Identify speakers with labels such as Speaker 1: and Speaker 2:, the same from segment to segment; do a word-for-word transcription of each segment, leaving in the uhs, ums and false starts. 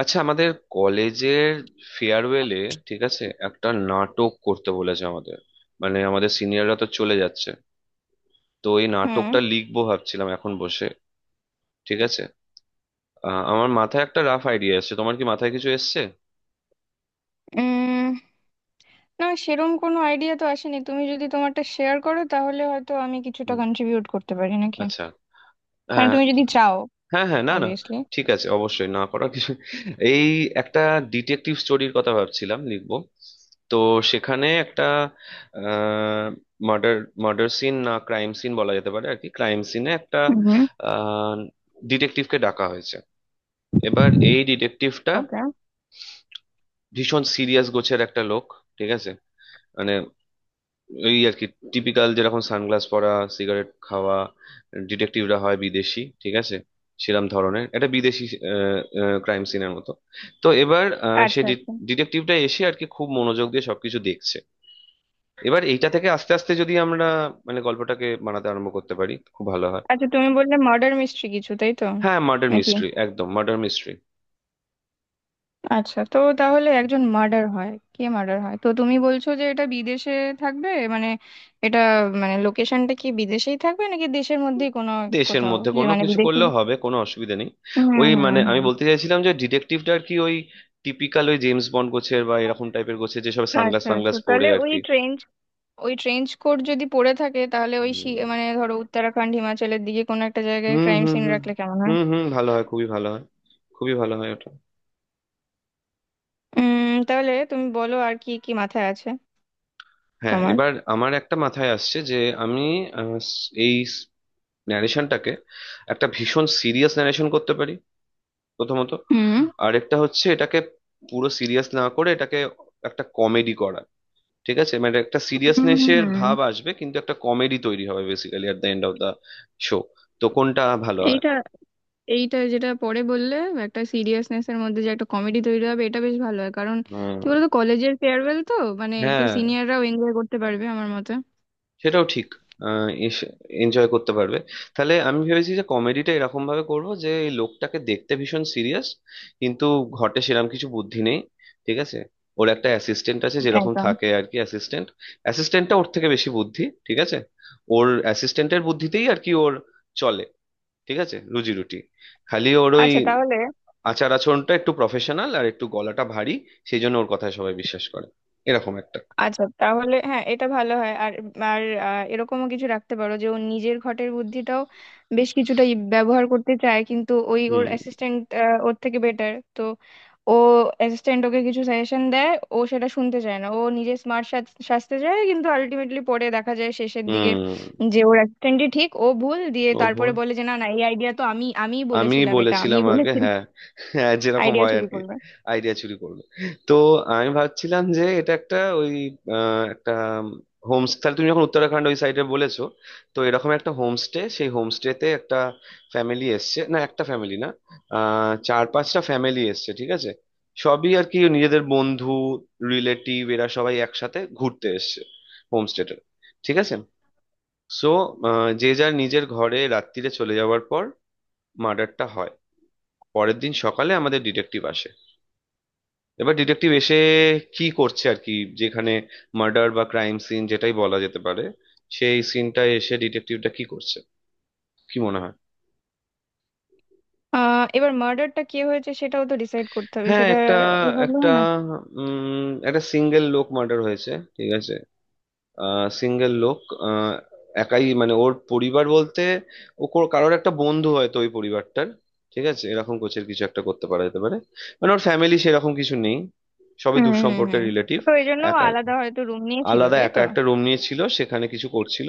Speaker 1: আচ্ছা, আমাদের কলেজের ফেয়ারওয়েলে, ঠিক আছে, একটা নাটক করতে বলেছে আমাদের। মানে আমাদের সিনিয়ররা তো চলে যাচ্ছে, তো এই
Speaker 2: হুম।
Speaker 1: নাটকটা লিখবো ভাবছিলাম এখন বসে। ঠিক আছে। আহ, আমার মাথায় একটা রাফ আইডিয়া এসেছে, তোমার কি মাথায় কিছু এসছে?
Speaker 2: উম, না সেরম কোনো আইডিয়া তো আসেনি। তুমি যদি তোমারটা শেয়ার করো তাহলে হয়তো আমি কিছুটা
Speaker 1: হুম।
Speaker 2: কন্ট্রিবিউট করতে পারি নাকি।
Speaker 1: আচ্ছা।
Speaker 2: মানে
Speaker 1: হ্যাঁ।
Speaker 2: তুমি যদি চাও,
Speaker 1: হ্যাঁ হ্যাঁ, না না।
Speaker 2: অবভিয়াসলি।
Speaker 1: ঠিক আছে, অবশ্যই না করার কিছু। এই, একটা ডিটেকটিভ স্টোরির কথা ভাবছিলাম লিখবো। তো সেখানে একটা মার্ডার, মার্ডার সিন না ক্রাইম সিন বলা যেতে পারে আর কি। ক্রাইম সিনে একটা
Speaker 2: হুম।
Speaker 1: ডিটেকটিভকে ডাকা হয়েছে। এবার এই ডিটেকটিভটা
Speaker 2: ওকে।
Speaker 1: ভীষণ সিরিয়াস গোছের একটা লোক, ঠিক আছে, মানে এই আর কি টিপিক্যাল যেরকম সানগ্লাস পরা, সিগারেট খাওয়া ডিটেকটিভরা হয় বিদেশি, ঠিক আছে, সেরম ধরনের, এটা বিদেশি ক্রাইম সিনের মতো। তো এবার আহ, সে
Speaker 2: আচ্ছা আচ্ছা।
Speaker 1: ডিটেকটিভটা এসে আর কি খুব মনোযোগ দিয়ে সবকিছু দেখছে। এবার এইটা থেকে আস্তে আস্তে যদি আমরা মানে গল্পটাকে বানাতে আরম্ভ করতে পারি, খুব ভালো হয়।
Speaker 2: আচ্ছা, তুমি বললে মার্ডার মিস্ট্রি, কিছু তাই তো?
Speaker 1: হ্যাঁ, মার্ডার
Speaker 2: নাকি?
Speaker 1: মিস্ট্রি, একদম মার্ডার মিস্ট্রি।
Speaker 2: আচ্ছা, তো তাহলে একজন মার্ডার হয়, কে মার্ডার হয়? তো তুমি বলছো যে এটা বিদেশে থাকবে, মানে এটা, মানে লোকেশনটা কি বিদেশেই থাকবে নাকি দেশের মধ্যেই কোনো
Speaker 1: দেশের
Speaker 2: কোথাও?
Speaker 1: মধ্যে
Speaker 2: যে
Speaker 1: কোনো
Speaker 2: মানে
Speaker 1: কিছু
Speaker 2: বিদেশি।
Speaker 1: করলেও হবে, কোনো অসুবিধা নেই।
Speaker 2: হুম
Speaker 1: ওই,
Speaker 2: হুম
Speaker 1: মানে আমি
Speaker 2: হুম
Speaker 1: বলতে চাইছিলাম যে ডিটেকটিভটা আর কি ওই টিপিক্যাল ওই জেমস বন্ড গোছের বা এরকম টাইপের গোছের, যেসব সানগ্লাস
Speaker 2: আচ্ছা, তো
Speaker 1: ফানগ্লাস পরে
Speaker 2: তাহলে
Speaker 1: আর
Speaker 2: ওই
Speaker 1: কি।
Speaker 2: ট্রেন, ওই ট্রেঞ্চ কোট যদি পরে থাকে, তাহলে ওই শি-
Speaker 1: হুম
Speaker 2: মানে ধরো উত্তরাখণ্ড হিমাচলের দিকে কোনো একটা জায়গায়
Speaker 1: হুম।
Speaker 2: ক্রাইম
Speaker 1: হুম
Speaker 2: সিন রাখলে কেমন হয়?
Speaker 1: হুম হুম, ভালো হয়, খুবই ভালো হয়। খুবই ভালো হয় ওটা।
Speaker 2: উম তাহলে তুমি বলো আর কি কি মাথায় আছে
Speaker 1: হ্যাঁ,
Speaker 2: তোমার।
Speaker 1: এবার আমার একটা মাথায় আসছে যে আমি আহ, এই ন্যারেশনটাকে একটা ভীষণ সিরিয়াস ন্যারেশন করতে পারি, প্রথমত।
Speaker 2: হুম
Speaker 1: আরেকটা হচ্ছে এটাকে পুরো সিরিয়াস না করে এটাকে একটা কমেডি করা। ঠিক আছে, মানে একটা
Speaker 2: হুম
Speaker 1: সিরিয়াসনেসের
Speaker 2: হুম।
Speaker 1: ভাব আসবে কিন্তু একটা কমেডি তৈরি হবে basically at the end of the show. তো কোনটা ভালো হয়?
Speaker 2: এইটা, এইটা যেটা পরে বললে, একটা সিরিয়াসনেস এর মধ্যে যে একটা কমেডি তৈরি হবে, এটা বেশ ভালো হয়। কারণ
Speaker 1: হুম।
Speaker 2: কি বলতো, কলেজের ফেয়ারওয়েল তো, মানে একটু
Speaker 1: হ্যাঁ,
Speaker 2: সিনিয়ররাও এনজয় করতে পারবে আমার মতে।
Speaker 1: সেটাও ঠিক, এনজয় করতে পারবে। তাহলে আমি ভেবেছি যে কমেডিটা এরকম ভাবে করব যে এই লোকটাকে দেখতে ভীষণ সিরিয়াস কিন্তু ঘটে সেরকম কিছু বুদ্ধি নেই, ঠিক আছে। ওর একটা অ্যাসিস্ট্যান্ট আছে, যেরকম
Speaker 2: একদম।
Speaker 1: থাকে আর কি অ্যাসিস্ট্যান্ট। অ্যাসিস্ট্যান্টটা ওর থেকে বেশি বুদ্ধি, ঠিক আছে, ওর অ্যাসিস্ট্যান্টের বুদ্ধিতেই আর কি ওর চলে, ঠিক আছে, রুজি রুটি। খালি ওর ওই
Speaker 2: আচ্ছা তাহলে।
Speaker 1: আচার আচরণটা একটু প্রফেশনাল আর একটু গলাটা ভারী, সেই জন্য ওর কথায় সবাই বিশ্বাস করে, এরকম একটা।
Speaker 2: আচ্ছা তাহলে হ্যাঁ, এটা ভালো হয়। আর, আর আহ, এরকমও কিছু রাখতে পারো যে ও নিজের ঘটের বুদ্ধিটাও বেশ কিছুটা ই- ব্যবহার করতে চায়, কিন্তু ওই ওর
Speaker 1: হুম
Speaker 2: অ্যাসিস্ট্যান্ট ওর থেকে বেটার তো। ও, অ্যাসিস্ট্যান্ট ওকে কিছু সাজেশন দেয়, ও সেটা শুনতে চায় না। ও নিজে স্মার্ট সাজতে চায়, কিন্তু আলটিমেটলি পরে দেখা যায় শেষের দিকে
Speaker 1: হুম।
Speaker 2: যে ওর অ্যাসিস্ট্যান্টই ঠিক, ও ভুল। দিয়ে
Speaker 1: ও
Speaker 2: তারপরে
Speaker 1: ভোল,
Speaker 2: বলে যে না না, এই আইডিয়া তো আমি আমিই
Speaker 1: আমি
Speaker 2: বলেছিলাম, এটা
Speaker 1: বলেছিলাম
Speaker 2: আমিই
Speaker 1: আগে,
Speaker 2: বলেছিলাম।
Speaker 1: হ্যাঁ। হ্যাঁ, যেরকম
Speaker 2: আইডিয়া
Speaker 1: হয় আর
Speaker 2: চুরি
Speaker 1: কি।
Speaker 2: করবে।
Speaker 1: আইডিয়া চুরি করবে। তো আমি ভাবছিলাম যে এটা একটা ওই আহ, একটা হোমস্টে, তাহলে তুমি যখন উত্তরাখণ্ড ওই সাইডে বলেছো। তো এরকম একটা হোমস্টে, সেই হোমস্টেতে একটা ফ্যামিলি এসছে, না একটা ফ্যামিলি না, আহ চার পাঁচটা ফ্যামিলি এসছে, ঠিক আছে। সবই আর কি নিজেদের বন্ধু, রিলেটিভ, এরা সবাই একসাথে ঘুরতে এসছে হোমস্টেটা, ঠিক আছে। সো যে যার নিজের ঘরে রাত্রিরে চলে যাওয়ার পর মার্ডারটা হয়। পরের দিন সকালে আমাদের ডিটেকটিভ আসে। এবার ডিটেকটিভ এসে কি করছে আর কি, যেখানে মার্ডার বা ক্রাইম সিন যেটাই বলা যেতে পারে, সেই সিনটায় এসে ডিটেকটিভটা কি করছে, কি মনে হয়?
Speaker 2: আহ এবার মার্ডারটা কে হয়েছে সেটাও তো ডিসাইড করতে হবে,
Speaker 1: হ্যাঁ,
Speaker 2: সেটা
Speaker 1: একটা
Speaker 2: এভাবে
Speaker 1: একটা
Speaker 2: হয় না।
Speaker 1: উম একটা সিঙ্গেল লোক মার্ডার হয়েছে, ঠিক আছে। আহ সিঙ্গেল লোক। আহ একাই, মানে ওর পরিবার বলতে ও কোর- কারোর একটা বন্ধু হয়তো ওই পরিবারটার, ঠিক আছে, এরকম কোচের কিছু একটা করতে পারা যেতে পারে। মানে ওর ফ্যামিলি সেরকম কিছু নেই, সবই
Speaker 2: হুম
Speaker 1: দূর
Speaker 2: হুম
Speaker 1: সম্পর্কের
Speaker 2: হুম
Speaker 1: রিলেটিভ।
Speaker 2: তো এই জন্য ও
Speaker 1: একা,
Speaker 2: আলাদা হয়তো রুম নিয়েছিল,
Speaker 1: আলাদা
Speaker 2: তাই
Speaker 1: একা
Speaker 2: তো?
Speaker 1: একটা রুম নিয়েছিল, সেখানে কিছু করছিল,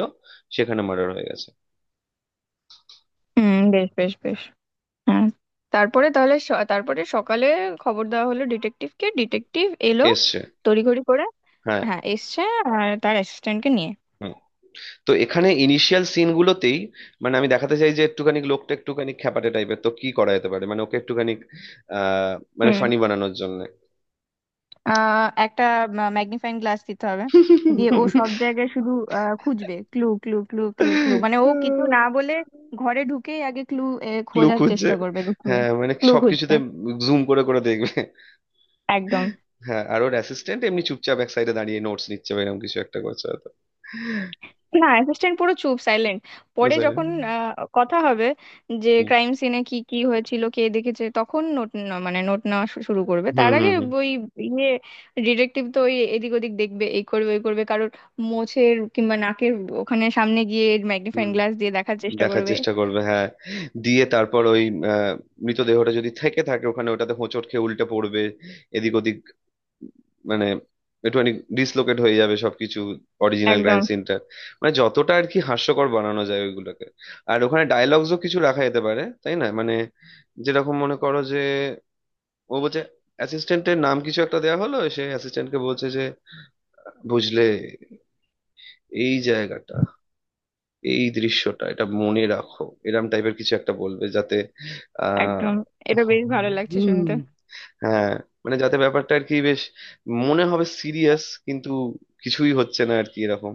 Speaker 1: সেখানে মার্ডার হয়ে গেছে।
Speaker 2: হুম, বেশ বেশ বেশ। হ্যাঁ, তারপরে তাহলে স- তারপরে সকালে খবর দেওয়া হলো ডিটেকটিভকে, ডিটেকটিভ এলো
Speaker 1: এসছে।
Speaker 2: তড়িঘড়ি করে।
Speaker 1: হ্যাঁ।
Speaker 2: হ্যাঁ এসছে, আর তার অ্যাসিস্ট্যান্টকে নিয়ে।
Speaker 1: হুম। তো এখানে ইনিশিয়াল সিন গুলোতেই মানে আমি দেখাতে চাই যে একটুখানি লোকটা একটুখানি খ্যাপাটে টাইপের, তো কি করা যেতে পারে মানে ওকে একটুখানি আহ মানে
Speaker 2: হুম।
Speaker 1: ফানি বানানোর জন্য।
Speaker 2: আহ, একটা ম্যাগনিফাইং গ্লাস দিতে হবে, দিয়ে ও সব জায়গায় শুধু আহ, খুঁজবে clue clue clue clue clue. মানে ও কিছু না বলে ঘরে ঢুকেই আগে ক্লু
Speaker 1: ক্লু
Speaker 2: খোঁজার
Speaker 1: খুঁজছে,
Speaker 2: চেষ্টা করবে, যে ক্লু,
Speaker 1: হ্যাঁ মানে
Speaker 2: ক্লু খুঁজছে।
Speaker 1: সবকিছুতে জুম করে করে দেখবে।
Speaker 2: একদম।
Speaker 1: হ্যাঁ, আর ওর অ্যাসিস্ট্যান্ট এমনি চুপচাপ এক সাইডে দাঁড়িয়ে নোটস নিচ্ছে বা এরকম কিছু একটা করছে হয়তো।
Speaker 2: না, অ্যাসিস্ট্যান্ট পুরো চুপ, সাইলেন্ট।
Speaker 1: পুরো
Speaker 2: পরে
Speaker 1: silent.
Speaker 2: যখন আহ, কথা হবে যে
Speaker 1: হুম
Speaker 2: ক্রাইম সিনে কি কি হয়েছিল, কে দেখেছে, তখন নোট, মানে নোট নেওয়া শু- শুরু করবে।
Speaker 1: হুম
Speaker 2: তার আগে
Speaker 1: হুম
Speaker 2: ওই ইয়ে, ডিটেকটিভ তো ওই এদিক ওদিক দেখবে, এই করবে ওই করবে, কারোর মোছের কিংবা নাকের ওখানে সামনে গিয়ে ম্যাগনিফাইং
Speaker 1: হুম।
Speaker 2: গ্লাস দিয়ে দেখার চেষ্টা
Speaker 1: দেখার
Speaker 2: করবে।
Speaker 1: চেষ্টা করবে, হ্যাঁ, দিয়ে তারপর ওই আহ, মৃতদেহটা যদি থেকে থাকে ওখানে ওটাতে হোঁচট খেয়ে উল্টে পড়বে, এদিক ওদিক, মানে একটুখানি ডিসলোকেট হয়ে যাবে সবকিছু, অরিজিনাল ক্রাইম
Speaker 2: একদম।
Speaker 1: সিনটা, মানে যতটা আর কি হাস্যকর বানানো যায় ওইগুলোকে। আর ওখানে ডায়লগসও কিছু রাখা যেতে পারে, তাই না, মানে যেরকম মনে করো যে ও বলছে, অ্যাসিস্ট্যান্টের নাম কিছু একটা দেয়া হলো, সে অ্যাসিস্ট্যান্টকে বলছে যে বুঝলে, এই জায়গাটা, এই দৃশ্যটা এটা মনে রাখো, এরম টাইপের কিছু একটা বলবে যাতে আহ
Speaker 2: একদম, এটা বেশ ভালো লাগছে
Speaker 1: হুম,
Speaker 2: শুনতে।
Speaker 1: হ্যাঁ মানে যাতে ব্যাপারটা আর কি বেশ মনে হবে সিরিয়াস, কিন্তু কিছুই হচ্ছে না আর কি এরকম,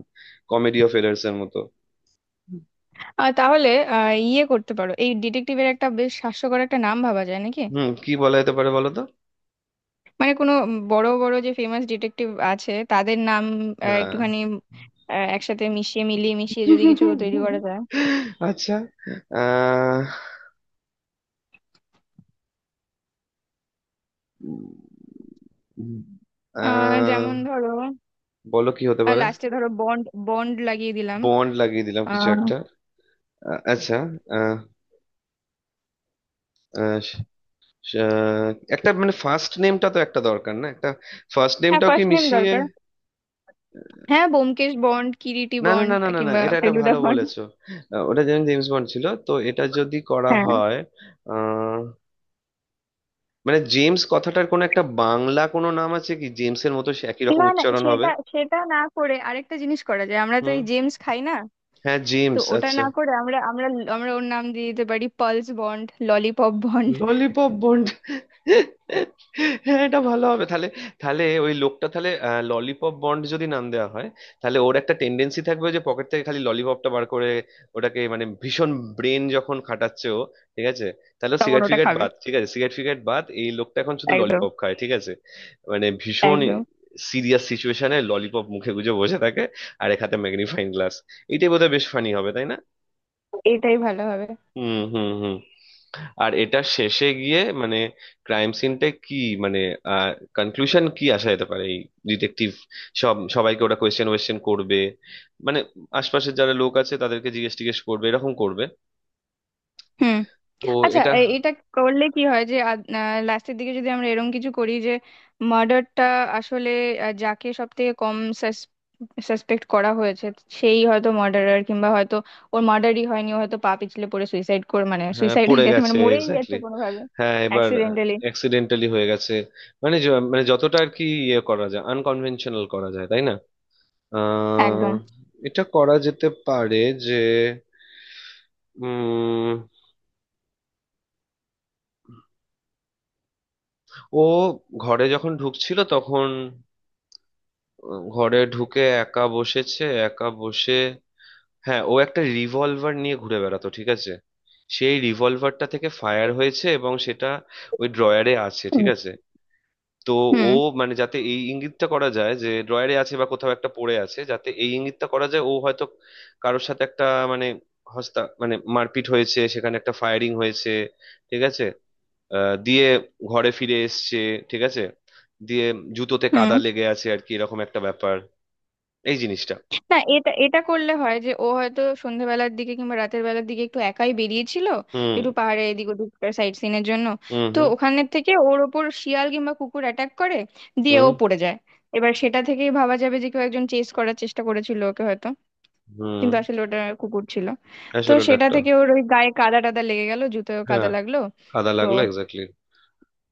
Speaker 1: কমেডি অফ এরার্স এর মতো।
Speaker 2: আহ, তাহলে আহ, ইয়ে করতে পারো, এই ডিটেকটিভের একটা বেশ হাস্যকর একটা নাম ভাবা যায় নাকি?
Speaker 1: হুম, কি বলা যেতে পারে বলো তো?
Speaker 2: মানে কোনো বড় বড় যে ফেমাস ডিটেকটিভ আছে তাদের নাম আহ,
Speaker 1: হ্যাঁ,
Speaker 2: একটুখানি আহ, একসাথে মিশিয়ে মিলিয়ে মিশিয়ে যদি কিছু তৈরি করা যায়।
Speaker 1: আচ্ছা। আহ উম,
Speaker 2: আহ, যেমন
Speaker 1: আহ
Speaker 2: ধরো,
Speaker 1: বলো কি হতে পারে?
Speaker 2: লাস্টে ধরো বন্ড, বন্ড লাগিয়ে দিলাম।
Speaker 1: বন্ড লাগিয়ে দিলাম কিছু
Speaker 2: আহ,
Speaker 1: একটা। আ- আচ্ছা। আহ আহ, আহ, একটা মানে ফার্স্ট নেমটা তো একটা দরকার, না, একটা ফার্স্ট
Speaker 2: হ্যাঁ,
Speaker 1: নেমটাও কি
Speaker 2: ফার্স্ট নেম
Speaker 1: মিশিয়ে?
Speaker 2: দরকার। হ্যাঁ, ব্যোমকেশ বন্ড, কিরিটি
Speaker 1: না না
Speaker 2: বন্ড,
Speaker 1: না না না না,
Speaker 2: কিংবা
Speaker 1: এটা এটা
Speaker 2: ফেলুদা
Speaker 1: ভালো
Speaker 2: বন্ড।
Speaker 1: বলেছো। আহ, ওটা যেমন জেমস বন্ড ছিল তো এটা যদি করা
Speaker 2: হ্যাঁ।
Speaker 1: হয় আহ, মানে জেমস কথাটার কোনো একটা বাংলা কোনো নাম আছে কি, জেমসের মতো সে একই রকম
Speaker 2: না না,
Speaker 1: উচ্চারণ হবে?
Speaker 2: সেটা সেটা না করে আরেকটা জিনিস করা যায়। আমরা তো
Speaker 1: হুম।
Speaker 2: এই জেমস খাই না,
Speaker 1: হ্যাঁ,
Speaker 2: তো
Speaker 1: জেমস,
Speaker 2: ওটা
Speaker 1: আচ্ছা।
Speaker 2: না করে আমরা আমরা আমরা ওর নাম দিয়ে দিতে পারি Pulse Bond, Lollipop Bond.
Speaker 1: Lollipop Bond, হ্যাঁ এটা ভালো হবে তাহলে। তাহলে ওই লোকটা তাহলে ললিপপ বন্ড যদি নাম দেওয়া হয় তাহলে ওর একটা টেন্ডেন্সি থাকবে যে পকেট থেকে খালি ললিপপটা বার করে ওটাকে, মানে ভীষণ ব্রেন যখন খাটাচ্ছে ও, ঠিক আছে, তাহলে
Speaker 2: তখন
Speaker 1: সিগারেট
Speaker 2: ওটা
Speaker 1: ফিগারেট
Speaker 2: খাবে।
Speaker 1: বাদ, ঠিক আছে সিগারেট ফিগারেট বাদ, এই লোকটা এখন শুধু
Speaker 2: একদম।
Speaker 1: ললিপপ খায়, ঠিক আছে। মানে ভীষণ
Speaker 2: একদম,
Speaker 1: সিরিয়াস সিচুয়েশনে ললিপপ মুখে গুজে বসে থাকে আর এক হাতে ম্যাগনিফাইং গ্লাস, এইটাই বোধহয় বেশ ফানি হবে, তাই না?
Speaker 2: এটাই ভালো হবে।
Speaker 1: হুম হুম হুম। আর এটা শেষে গিয়ে মানে ক্রাইম সিনটা কি, মানে আহ কনক্লুশন কি আসা যেতে পারে, এই ডিটেকটিভ সব সবাইকে ওরা কোয়েশ্চেন ওয়েশ্চেন করবে মানে আশপাশের যারা লোক আছে তাদেরকে জিজ্ঞেস টিজ্ঞেস করবে এরকম করবে,
Speaker 2: হুম।
Speaker 1: তো
Speaker 2: আচ্ছা,
Speaker 1: এটা।
Speaker 2: এ- এটা করলে কি হয় যে লাস্টের দিকে যদি আমরা এরকম কিছু করি যে মার্ডারটা আসলে আহ, যাকে সব থেকে কম সাসপেক্ট করা হয়েছে সেই হয়তো মার্ডারার, কিংবা হয়তো ওর মার্ডারই হয়নি, ও হয়তো পা পিছলে পড়ে সুইসাইড করে, মানে
Speaker 1: হ্যাঁ,
Speaker 2: সুইসাইড হয়ে
Speaker 1: পড়ে
Speaker 2: গেছে,
Speaker 1: গেছে
Speaker 2: মানে মরেই গেছে
Speaker 1: এক্স্যাক্টলি।
Speaker 2: কোনোভাবে,
Speaker 1: হ্যাঁ এবার
Speaker 2: অ্যাক্সিডেন্টালি।
Speaker 1: অ্যাক্সিডেন্টালি হয়ে গেছে, মানে য- মানে যতটা আর কি ইয়ে করা যায় আনকনভেনশনাল করা যায় তাই না। আহ
Speaker 2: একদম।
Speaker 1: এটা করা যেতে পারে যে উম ও ঘরে যখন ঢুকছিল তখন, ঘরে ঢুকে একা বসেছে, একা বসে, হ্যাঁ ও একটা রিভলভার নিয়ে ঘুরে বেড়াতো, ঠিক আছে। সেই রিভলভারটা থেকে ফায়ার হয়েছে এবং সেটা ওই ড্রয়ারে আছে, ঠিক আছে। তো ও
Speaker 2: হুম
Speaker 1: মানে যাতে এই ইঙ্গিতটা করা যায় যে ড্রয়ারে আছে বা কোথাও একটা পড়ে আছে, যাতে এই ইঙ্গিতটা করা যায় ও হয়তো কারোর সাথে একটা মানে হস্তা মানে মারপিট হয়েছে, সেখানে একটা ফায়ারিং হয়েছে, ঠিক আছে। আহ, দিয়ে ঘরে ফিরে এসছে, ঠিক আছে, দিয়ে জুতোতে কাদা
Speaker 2: হুম
Speaker 1: লেগে আছে আর কি এরকম একটা ব্যাপার, এই জিনিসটা।
Speaker 2: না, এটা এটা করলে হয় যে ও হয়তো সন্ধ্যাবেলার দিকে কিংবা রাতের বেলার দিকে একটু একাই বেরিয়েছিল,
Speaker 1: হুম
Speaker 2: একটু পাহাড়ে এদিক ওদিক, সাইট সিনের জন্য।
Speaker 1: হুম
Speaker 2: তো
Speaker 1: হুম
Speaker 2: ওখানের থেকে ওর ওপর শিয়াল কিংবা কুকুর অ্যাটাক করে, দিয়ে
Speaker 1: হুম
Speaker 2: ও পড়ে যায়। এবার সেটা থেকেই ভাবা যাবে যে কেউ একজন চেস করার চেষ্টা করেছিল ওকে হয়তো,
Speaker 1: হুম।
Speaker 2: কিন্তু আসলে ওটা কুকুর ছিল। তো
Speaker 1: আসলে ওটা
Speaker 2: সেটা
Speaker 1: একটা,
Speaker 2: থেকে ওর ওই গায়ে কাদা টাদা লেগে গেল, জুতোয় কাদা
Speaker 1: হ্যাঁ
Speaker 2: লাগলো।
Speaker 1: কাদা
Speaker 2: তো
Speaker 1: লাগলো এক্স্যাক্টলি।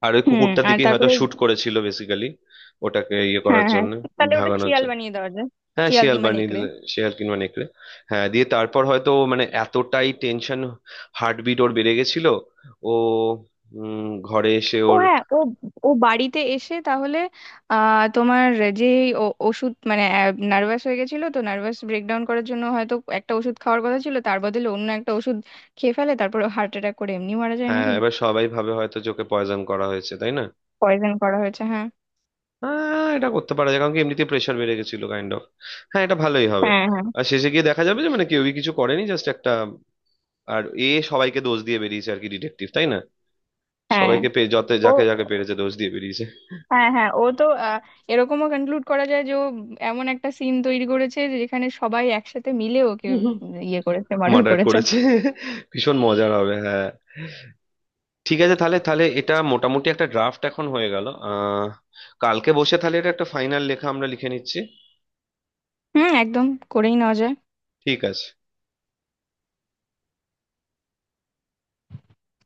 Speaker 1: আর ওই
Speaker 2: হুম,
Speaker 1: কুকুরটার
Speaker 2: আর
Speaker 1: দিকেই হয়তো
Speaker 2: তারপরে
Speaker 1: শুট করেছিল বেসিক্যালি, ওটাকে ইয়ে করার
Speaker 2: হ্যাঁ, হ্যাঁ,
Speaker 1: জন্য,
Speaker 2: তাহলে ওটা
Speaker 1: ভাগানোর
Speaker 2: শিয়াল
Speaker 1: জন্য।
Speaker 2: বানিয়ে দেওয়া যায়,
Speaker 1: হ্যাঁ
Speaker 2: শিয়াল
Speaker 1: শিয়াল
Speaker 2: কিংবা
Speaker 1: বানিয়ে
Speaker 2: নেকড়ে।
Speaker 1: দিলে, শিয়াল কিংবা নেকড়ে। হ্যাঁ, দিয়ে তারপর হয়তো মানে এতটাই টেনশন, হার্টবিট ওর বেড়ে গেছিল। ও, উম, ঘরে এসে
Speaker 2: ও
Speaker 1: ওর,
Speaker 2: হ্যাঁ, ও ও বাড়িতে এসে তাহলে আহ তোমার, যে ও- ওষুধ মানে নার্ভাস হয়ে গেছিল, তো নার্ভাস ব্রেকডাউন করার জন্য হয়তো একটা ওষুধ খাওয়ার কথা ছিল, তার বদলে অন্য একটা ওষুধ খেয়ে ফেলে, তারপর হার্ট অ্যাটাক করে এমনি মারা যায়
Speaker 1: হ্যাঁ
Speaker 2: নাকি।
Speaker 1: এবার সবাই ভাবে হয়তো যে ওকে পয়জন করা হয়েছে, তাই না।
Speaker 2: পয়জন করা হয়েছে, হ্যাঁ
Speaker 1: হ্যাঁ এটা করতে পারা যায় কারণ কি এমনিতে প্রেশার বেড়ে গেছিল কাইন্ড অফ, হ্যাঁ এটা ভালোই হবে।
Speaker 2: হ্যাঁ
Speaker 1: আর শেষে গিয়ে দেখা যাবে যে মানে কেউই কিছু করেনি, জাস্ট একটা, আর এ সবাইকে দোষ দিয়ে বেরিয়েছে আর কি ডিটেকটিভ, তাই না।
Speaker 2: হ্যাঁ হ্যাঁ।
Speaker 1: সবাইকে পে যত
Speaker 2: ও
Speaker 1: যাকে যাকে পেরেছে দোষ দিয়ে বেরিয়েছে।
Speaker 2: হ্যাঁ, হ্যাঁ ও তো আহ, এরকমও কনক্লুড করা যায় যে ও এমন একটা সিন তৈরি করেছে যে যেখানে সবাই একসাথে মিলে ওকে ইয়ে করেছে, মার্ডার
Speaker 1: মার্ডার
Speaker 2: করেছে।
Speaker 1: করেছে। ভীষণ মজার হবে, হ্যাঁ। ঠিক আছে, তাহলে তাহলে এটা মোটামুটি একটা ড্রাফট এখন হয়ে গেল, আহ কালকে বসে তাহলে এটা একটা ফাইনাল লেখা আমরা লিখে নিচ্ছি।
Speaker 2: হুম, একদম, করেই নেওয়া যায়।
Speaker 1: ঠিক আছে।